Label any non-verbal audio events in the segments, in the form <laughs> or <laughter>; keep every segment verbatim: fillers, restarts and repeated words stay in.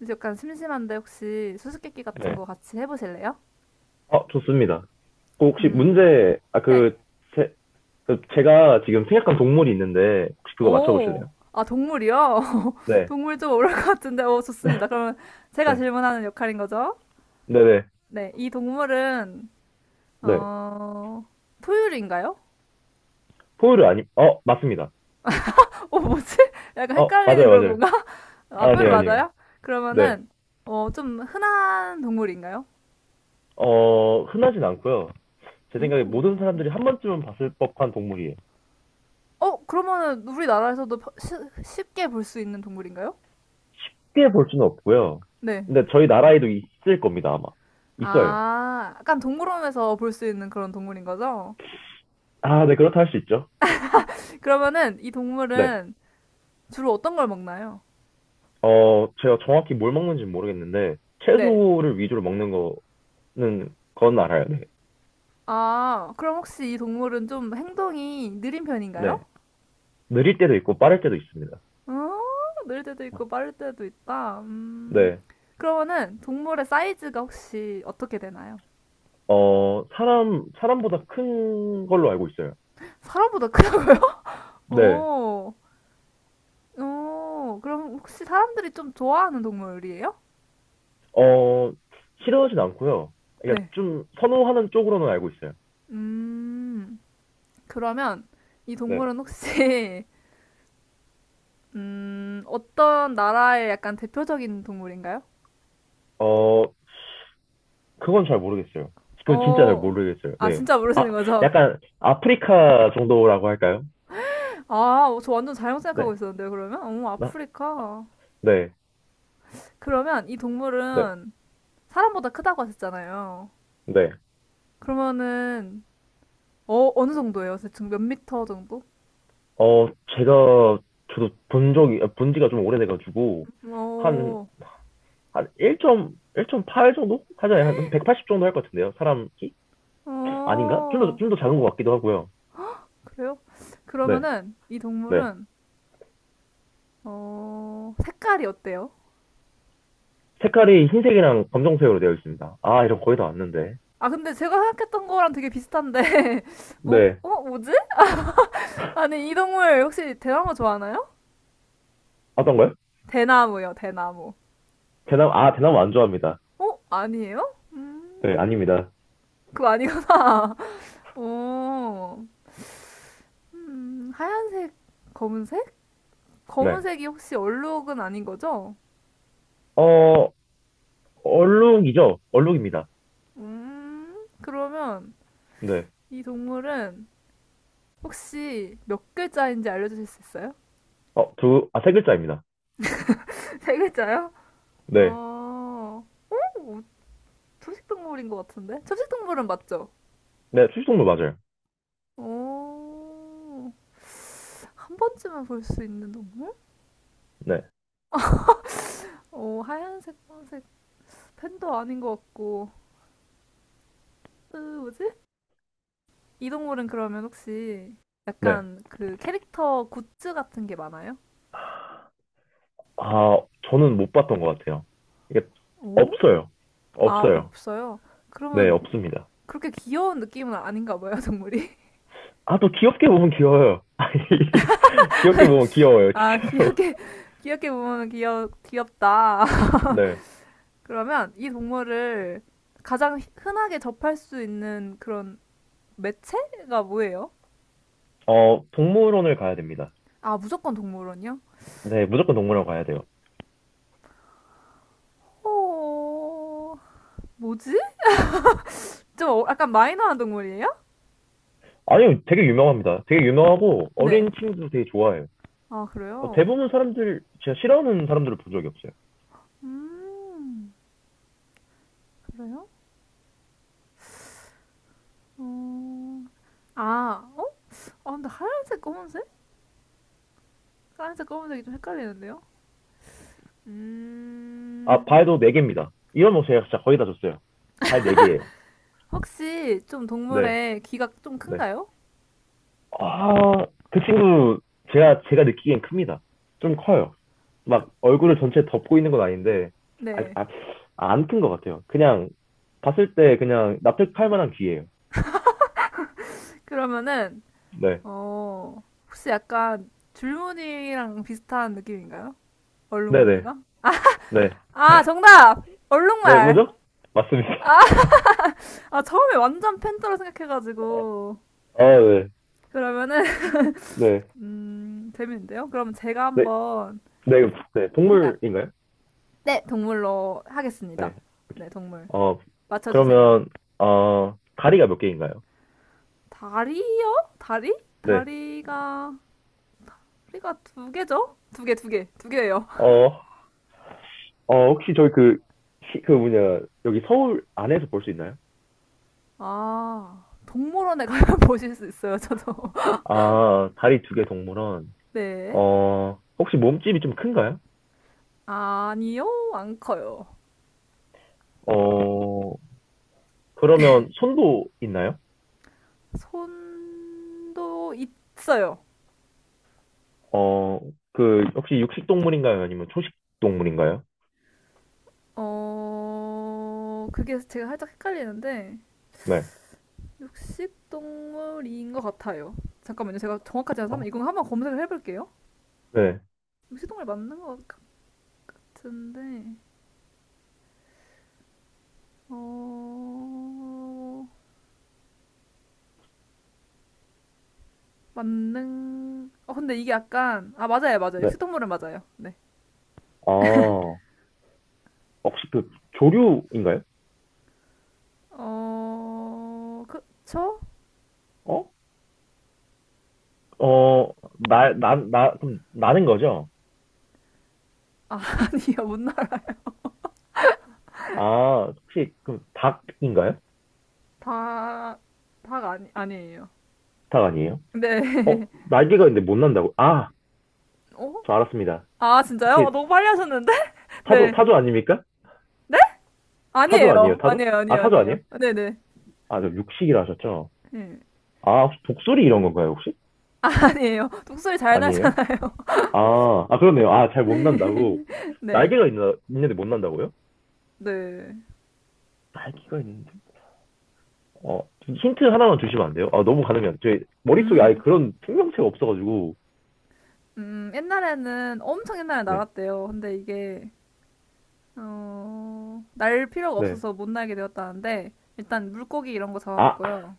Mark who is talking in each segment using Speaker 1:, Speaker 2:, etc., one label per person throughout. Speaker 1: 이제 약간 심심한데 혹시 수수께끼 같은
Speaker 2: 네.
Speaker 1: 거 같이 해보실래요?
Speaker 2: 어, 좋습니다. 그 혹시
Speaker 1: 음,
Speaker 2: 문제, 아,
Speaker 1: 네.
Speaker 2: 그, 제, 그 제가 지금 생각한 동물이 있는데, 혹시 그거
Speaker 1: 오,
Speaker 2: 맞춰보실래요?
Speaker 1: 아, 동물이요? <laughs>
Speaker 2: 네.
Speaker 1: 동물 좀 어려울 것 같은데, 오, 좋습니다. 그러면
Speaker 2: <laughs>
Speaker 1: 제가
Speaker 2: 네.
Speaker 1: 질문하는 역할인 거죠?
Speaker 2: 네네.
Speaker 1: 네, 이 동물은,
Speaker 2: 네.
Speaker 1: 어, 포유류인가요?
Speaker 2: 포유류 아니, 어, 맞습니다.
Speaker 1: <laughs> 어, 뭐지? 약간
Speaker 2: 어,
Speaker 1: 헷갈리는
Speaker 2: 맞아요,
Speaker 1: 그런
Speaker 2: 맞아요.
Speaker 1: 건가? <laughs> 아, 포유류
Speaker 2: 아니에요, 아니에요.
Speaker 1: 맞아요?
Speaker 2: 네.
Speaker 1: 그러면은, 어, 좀 흔한 동물인가요?
Speaker 2: 어, 흔하진 않고요. 제 생각에 모든
Speaker 1: 음,
Speaker 2: 사람들이 한 번쯤은 봤을 법한 동물이에요. 쉽
Speaker 1: 어, 그러면은 우리나라에서도 퍼- 시- 쉽게 볼 수 있는 동물인가요?
Speaker 2: 게볼 수는 없고요.
Speaker 1: 네.
Speaker 2: 근데 저희 나라에도 있을 겁니다, 아마. 있어요.
Speaker 1: 아, 약간 동물원에서 볼 수 있는 그런 동물인 거죠?
Speaker 2: 아, 네, 그렇다 할 수 있죠.
Speaker 1: 그러면은 이
Speaker 2: 네.
Speaker 1: 동물은 주로 어떤 걸 먹나요?
Speaker 2: 어, 제가 정확히 뭘 먹는지 모르겠는데,
Speaker 1: 네.
Speaker 2: 채소를 위주로 먹는 거 는 그건 알아요. 네.
Speaker 1: 아, 그럼 혹시 이 동물은 좀 행동이 느린
Speaker 2: 네.
Speaker 1: 편인가요?
Speaker 2: 느릴 때도 있고 빠를 때도 있습니다.
Speaker 1: 어, 느릴 때도 있고 빠를 때도 있다. 음,
Speaker 2: 네.
Speaker 1: 그러면은 동물의 사이즈가 혹시 어떻게 되나요?
Speaker 2: 어, 사람, 사람보다 큰 걸로 알고 있어요.
Speaker 1: 사람보다 크다고요? <laughs>
Speaker 2: 네.
Speaker 1: 오, 오, 그럼 혹시 사람들이 좀 좋아하는 동물이에요?
Speaker 2: 어, 싫어하진 않고요. 그러니까
Speaker 1: 네.
Speaker 2: 좀 선호하는 쪽으로는 알고 있어요.
Speaker 1: 음, 그러면 이
Speaker 2: 네.
Speaker 1: 동물은 혹시 <laughs> 음, 어떤 나라의 약간 대표적인 동물인가요?
Speaker 2: 어, 그건 잘 모르겠어요. 그건 진짜 잘
Speaker 1: 어,
Speaker 2: 모르겠어요.
Speaker 1: 아,
Speaker 2: 네.
Speaker 1: 진짜 모르시는
Speaker 2: 아,
Speaker 1: 거죠?
Speaker 2: 약간 아프리카 정도라고 할까요?
Speaker 1: <laughs> 아, 저 완전 잘못 생각하고
Speaker 2: 네.
Speaker 1: 있었는데요, 그러면? 어,
Speaker 2: 나, 아,
Speaker 1: 아프리카.
Speaker 2: 네.
Speaker 1: 그러면 이
Speaker 2: 네.
Speaker 1: 동물은 사람보다 크다고 하셨잖아요.
Speaker 2: 네.
Speaker 1: 그러면은, 어, 어느 정도예요? 대충 몇 미터 정도?
Speaker 2: 어, 제가, 저도 본 적이, 본 지가 좀 오래돼가지고, 한,
Speaker 1: 어,
Speaker 2: 한 일 점, 일 점 팔 정도? 하잖아요. 한 백팔십 정도 할 것 같은데요. 사람 키? 아닌가? 좀 더,
Speaker 1: 어,
Speaker 2: 좀 더 작은 것 같기도 하고요.
Speaker 1: 그래요?
Speaker 2: 네,
Speaker 1: 그러면은 이
Speaker 2: 네.
Speaker 1: 동물은, 어, 색깔이 어때요?
Speaker 2: 색깔이 흰색이랑 검정색으로 되어 있습니다. 아, 이런 거 거의 다 왔는데.
Speaker 1: 아, 근데 제가 생각했던 거랑 되게 비슷한데, <laughs> 어,
Speaker 2: 네.
Speaker 1: 어, 뭐지? 아니, 이 동물 혹시 대나무 좋아하나요?
Speaker 2: 어떤가요?
Speaker 1: 대나무요, 대나무.
Speaker 2: 대나무, 아, 대나무 안 좋아합니다.
Speaker 1: 어? 아니에요?
Speaker 2: 네,
Speaker 1: 음,
Speaker 2: 아닙니다.
Speaker 1: 그거 아니구나. <laughs> 어, 음, 하얀색, 검은색?
Speaker 2: 네.
Speaker 1: 검은색이 혹시 얼룩은 아닌 거죠?
Speaker 2: 어, 얼룩이죠? 얼룩입니다.
Speaker 1: 음, 그러면
Speaker 2: 네.
Speaker 1: 이 동물은 혹시 몇 글자인지 알려주실 수 있어요?
Speaker 2: 어, 두, 아, 세 글자입니다.
Speaker 1: <laughs> 세 글자요?
Speaker 2: 네.
Speaker 1: 어, 어, 초식동물인 것 같은데? 초식동물은 맞죠?
Speaker 2: 네, 출석물 맞아요.
Speaker 1: 어, 한 번쯤은 볼 수 있는 동물?
Speaker 2: 네,
Speaker 1: 어, 하얀색, 검색 팬도 아닌 것 같고. 으, 뭐지? 이동물은 그러면 혹시
Speaker 2: 네.
Speaker 1: 약간 그 캐릭터 굿즈 같은 게 많아요?
Speaker 2: 아, 저는 못 봤던 것 같아요. 이게
Speaker 1: 오?
Speaker 2: 없어요.
Speaker 1: 아,
Speaker 2: 없어요.
Speaker 1: 없어요.
Speaker 2: 네,
Speaker 1: 그러면
Speaker 2: 없습니다.
Speaker 1: 그렇게 귀여운 느낌은 아닌가 봐요, 동물이.
Speaker 2: 아, 또 귀엽게 보면 귀여워요. <laughs> 아니, 귀엽게 보면
Speaker 1: <laughs>
Speaker 2: 귀여워요,
Speaker 1: 아,
Speaker 2: 진짜로.
Speaker 1: 귀엽게, <laughs> 귀엽게 보면 귀여, 귀엽다.
Speaker 2: 네.
Speaker 1: <laughs> 그러면 이 동물을 가장 흔하게 접할 수 있는 그런 매체가 뭐예요?
Speaker 2: 어, 동물원을 가야 됩니다.
Speaker 1: 아, 무조건 동물원이요?
Speaker 2: 네, 무조건 동물원 가야 돼요.
Speaker 1: 어, 뭐지? 좀 어- 약간 마이너한 동물이에요?
Speaker 2: 아니요, 되게 유명합니다. 되게 유명하고
Speaker 1: 네.
Speaker 2: 어린 친구도 되게 좋아해요.
Speaker 1: 아,
Speaker 2: 어,
Speaker 1: 그래요?
Speaker 2: 대부분 사람들, 제가 싫어하는 사람들을 본 적이 없어요.
Speaker 1: 음, 그래요? 어, 아, 어? 아, 근데 하얀색, 검은색? 하얀색 검은색이 좀 헷갈리는데요?
Speaker 2: 아,
Speaker 1: 음,
Speaker 2: 발도 네개입니다 이런 거 제가 진짜 거의 다 줬어요. 발 네개예요
Speaker 1: 혹시 좀
Speaker 2: 네,
Speaker 1: 동물의 귀가 좀
Speaker 2: 네.
Speaker 1: 큰가요?
Speaker 2: 아, 그 친구, 제가, 제가 느끼기엔 큽니다. 좀 커요. 막 얼굴을 전체 덮고 있는 건 아닌데 아,
Speaker 1: 네.
Speaker 2: 아, 안 큰 것 같아요. 그냥 봤을 때 그냥 납득할 만한 귀예요.
Speaker 1: 그러면은,
Speaker 2: 네,
Speaker 1: 어, 혹시 약간 줄무늬랑 비슷한 느낌인가요?
Speaker 2: 네, 네,
Speaker 1: 얼룩무늬가?
Speaker 2: 네,
Speaker 1: 아, 정답!
Speaker 2: 네,
Speaker 1: 얼룩말!
Speaker 2: 뭐죠? 맞습니다.
Speaker 1: 아, 처음에 완전 팬더로
Speaker 2: <laughs>
Speaker 1: 생각해가지고.
Speaker 2: 아, 네,
Speaker 1: 그러면은, <laughs>
Speaker 2: 네,
Speaker 1: 음, 재밌는데요? 그러면 제가
Speaker 2: 네,
Speaker 1: 한번
Speaker 2: 네, 네,
Speaker 1: 생각,
Speaker 2: 동물인가요?
Speaker 1: 네, 동물로 하겠습니다.
Speaker 2: 네, 오케이.
Speaker 1: 네, 동물.
Speaker 2: 어,
Speaker 1: 맞춰주세요.
Speaker 2: 그러면 어 다리가 몇 개인가요?
Speaker 1: 다리요? 다리?
Speaker 2: 네,
Speaker 1: 다리가, 다리가 두 개죠? 두 개, 두 개, 두 개예요.
Speaker 2: 어, 어 혹시 저희 그, 시- 그 뭐냐 여기 서울 안에서 볼 수 있나요?
Speaker 1: 아, 동물원에 가면 <laughs> 보실 수 있어요, 저도. <laughs>
Speaker 2: 아, 다리 두 개 동물원.
Speaker 1: 네.
Speaker 2: 어, 혹시 몸집이 좀 큰가요?
Speaker 1: 아니요, 안 커요.
Speaker 2: 어, 그러면 손도 있나요?
Speaker 1: 손도 있어요.
Speaker 2: 어, 그, 혹시 육식 동물인가요? 아니면 초식 동물인가요?
Speaker 1: 어, 그게 제가 살짝 헷갈리는데,
Speaker 2: 네.
Speaker 1: 육식동물인 것 같아요. 잠깐만요, 제가 정확하지 않아서
Speaker 2: 어,
Speaker 1: 한번, 이거 한번 검색을 해볼게요.
Speaker 2: 네.
Speaker 1: 육식동물 맞는 것 같- 같은데, 어 만능, 어 근데 이게 약간, 아, 맞아요, 맞아요,
Speaker 2: 네.
Speaker 1: 육식동물은 맞아요.
Speaker 2: 아, 혹시 그 조류인가요?
Speaker 1: 네어 그쵸.
Speaker 2: 어? 어, 나, 나, 나, 그럼 나는 거죠?
Speaker 1: 아 <laughs> 아니요, 못 날아.
Speaker 2: 아, 혹시 그 닭인가요?
Speaker 1: 다닭 아니, 아니에요.
Speaker 2: 닭 아니에요? 어,
Speaker 1: 네어아
Speaker 2: 날개가 있는데 못 난다고? 아, 저 알았습니다.
Speaker 1: <laughs> 진짜요? 아,
Speaker 2: 혹시
Speaker 1: 너무 빨리 하셨는데. <laughs>
Speaker 2: 타조,
Speaker 1: 네.
Speaker 2: 타조 아닙니까? 타조
Speaker 1: 아니에요,
Speaker 2: 아니에요, 타조?
Speaker 1: 아니에요,
Speaker 2: 아,
Speaker 1: 아니에요,
Speaker 2: 타조 아니에요?
Speaker 1: 아니에요, 네네
Speaker 2: 아, 저 육식이라 하셨죠?
Speaker 1: 네. <laughs>
Speaker 2: 아, 혹시 독수리 이런 건가요, 혹시?
Speaker 1: 아니에요, 독수리 잘
Speaker 2: 아니에요?
Speaker 1: 날잖아요.
Speaker 2: 아, 아, 그렇네요. 아, 잘 못 난다고.
Speaker 1: <laughs> 네.
Speaker 2: 날개가 있나, 있는데 못 난다고요?
Speaker 1: 네.
Speaker 2: 날개가 있는데? 어, 힌트 하나만 주시면 안 돼요? 아, 너무 가늠이 제 머릿속에 아예
Speaker 1: 음
Speaker 2: 그런 생명체가 없어가지고.
Speaker 1: 음, 옛날에는 엄청 옛날에
Speaker 2: 네,
Speaker 1: 나갔대요. 근데 이게, 어, 날 필요가
Speaker 2: 네.
Speaker 1: 없어서 못 날게 되었다는데, 일단 물고기 이런 거
Speaker 2: 아,
Speaker 1: 잡아먹고요.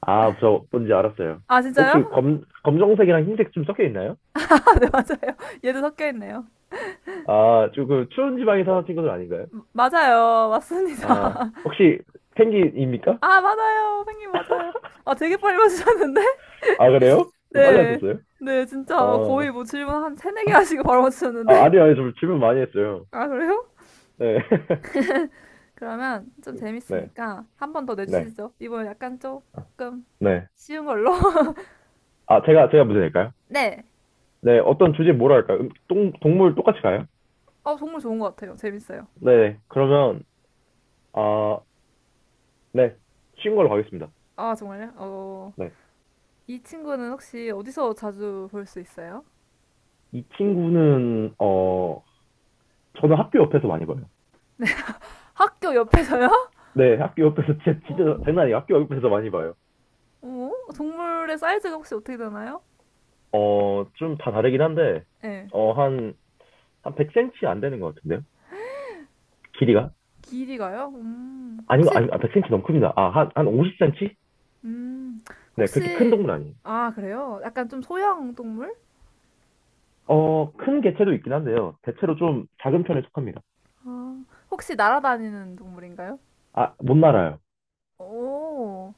Speaker 2: 아, 저 뭔지 알았어요.
Speaker 1: 아,
Speaker 2: 혹시
Speaker 1: 진짜요?
Speaker 2: 검, 검정색이랑 흰색 좀 섞여 있나요?
Speaker 1: <laughs> 아, 네, 맞아요. 얘도 섞여 있네요.
Speaker 2: 아, 조금 추운 지방에 사는 친구들 아닌가요?
Speaker 1: 맞아요. 맞습니다.
Speaker 2: 아,
Speaker 1: <laughs>
Speaker 2: 혹시 펭귄입니까?
Speaker 1: 아, 맞아요. 선생님, 맞아요. 아, 되게 빨리 맞추셨는데? <laughs>
Speaker 2: 아, 그래요? 빨리 하
Speaker 1: 네.
Speaker 2: 셨어요
Speaker 1: 네, 진짜 거의 뭐
Speaker 2: 아,
Speaker 1: 질문 한 세네 개 하시고 바로
Speaker 2: 아,
Speaker 1: 맞추셨는데?
Speaker 2: 아니요, 아니요. 좀 질문 많이 했어요.
Speaker 1: <laughs> 아, 그래요?
Speaker 2: 네,
Speaker 1: 그러면 좀
Speaker 2: <laughs> 네,
Speaker 1: 재밌으니까 한 번 더
Speaker 2: 네,
Speaker 1: 내주시죠. 이번엔 약간 조금
Speaker 2: 네.
Speaker 1: 쉬운 걸로. <laughs>
Speaker 2: 아, 제가, 제가 문제 낼까요?
Speaker 1: 네.
Speaker 2: 네, 어떤 주제 뭐로 할까요? 음, 동, 동물 똑같이 가요?
Speaker 1: 어, 정말 좋은 것 같아요. 재밌어요.
Speaker 2: 네, 그러면, 아, 네, 쉬운 걸로 가겠습니다.
Speaker 1: 아, 정말요? 어.
Speaker 2: 네.
Speaker 1: 이 친구는 혹시 어디서 자주 볼 수 있어요?
Speaker 2: 이 친구는, 어, 저는 학교 옆에서 많이 봐요.
Speaker 1: 학교 옆에서요? <laughs>
Speaker 2: 네, 학교 옆에서 진짜, 진짜
Speaker 1: 어,
Speaker 2: 장난 아니에요. 학교 옆에서 많이 봐요.
Speaker 1: 어? 동물의 사이즈가 혹시 어떻게 되나요?
Speaker 2: 어, 좀 다 다르긴 한데,
Speaker 1: 네.
Speaker 2: 어, 한, 한 백 센티 안 되는 것 같은데요? 길이가?
Speaker 1: 길이가요? 음,
Speaker 2: 아니,
Speaker 1: 혹시,
Speaker 2: 아니, 아, 백 센티 너무 큽니다. 아, 한, 한 오십 센티?
Speaker 1: 음,
Speaker 2: 네, 그렇게 큰
Speaker 1: 혹시,
Speaker 2: 동물 아니에요.
Speaker 1: 아, 그래요? 약간 좀 소형 동물? 어,
Speaker 2: 어, 큰 개체도 있긴 한데요. 대체로 좀 작은 편에 속합니다.
Speaker 1: 어, 혹시 날아다니는 동물인가요?
Speaker 2: 아, 못 날아요.
Speaker 1: 오,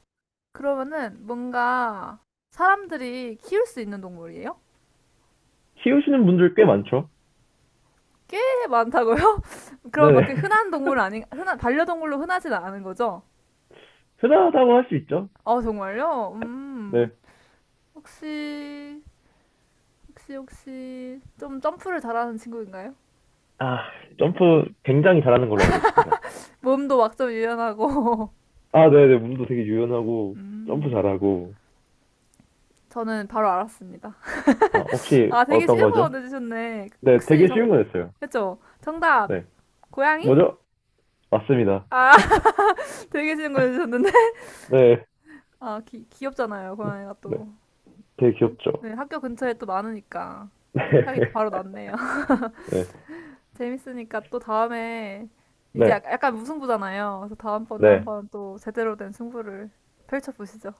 Speaker 1: 그러면은 뭔가 사람들이 키울 수 있는 동물이에요?
Speaker 2: 키우시는 분들 꽤 많죠.
Speaker 1: 꽤 많다고요? <laughs> 그럼 막
Speaker 2: 네네.
Speaker 1: 이렇게
Speaker 2: <laughs>
Speaker 1: 흔한 동물 아닌, 흔한, 반려동물로 흔하진 않은 거죠?
Speaker 2: 흔하다고 할 수 있죠.
Speaker 1: 아, 정말요? 음.
Speaker 2: 네.
Speaker 1: 혹시, 혹시, 혹시, 좀 점프를 잘하는 친구인가요?
Speaker 2: 아, 점프 굉장히 잘하는 걸로 알고 있습니다.
Speaker 1: 몸도 막 좀 유연하고.
Speaker 2: 아, 네네. 몸도 되게
Speaker 1: <laughs>
Speaker 2: 유연하고, 점프
Speaker 1: 음.
Speaker 2: 잘하고.
Speaker 1: 저는 바로 알았습니다.
Speaker 2: 아, 혹시
Speaker 1: 아, 되게
Speaker 2: 어떤
Speaker 1: 쉬운 거
Speaker 2: 거죠?
Speaker 1: 내주셨네.
Speaker 2: 네,
Speaker 1: 혹시
Speaker 2: 되게
Speaker 1: 정,
Speaker 2: 쉬운 거였어요.
Speaker 1: 그쵸? 정답!
Speaker 2: 네.
Speaker 1: 고양이?
Speaker 2: 뭐죠? 맞습니다.
Speaker 1: 아, <laughs> 되게 쉬운 거 내주셨는데.
Speaker 2: 네.
Speaker 1: 아, 귀, 귀엽잖아요, 고양이가
Speaker 2: 네.
Speaker 1: 또.
Speaker 2: 되게
Speaker 1: 어,
Speaker 2: 귀엽죠.
Speaker 1: 네, 학교 근처에 또 많으니까. 생각이 바로
Speaker 2: <laughs>
Speaker 1: 났네요. <laughs>
Speaker 2: 네. 네.
Speaker 1: 재밌으니까 또 다음에 이제
Speaker 2: 네.
Speaker 1: 약- 약간 무승부잖아요. 그래서 다음번에
Speaker 2: 네.
Speaker 1: 한번 또 제대로 된 승부를 펼쳐보시죠.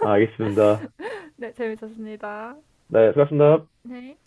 Speaker 2: 아, 알겠습니다.
Speaker 1: 네, 재밌었습니다.
Speaker 2: 네. 수고하셨습니다.
Speaker 1: 네.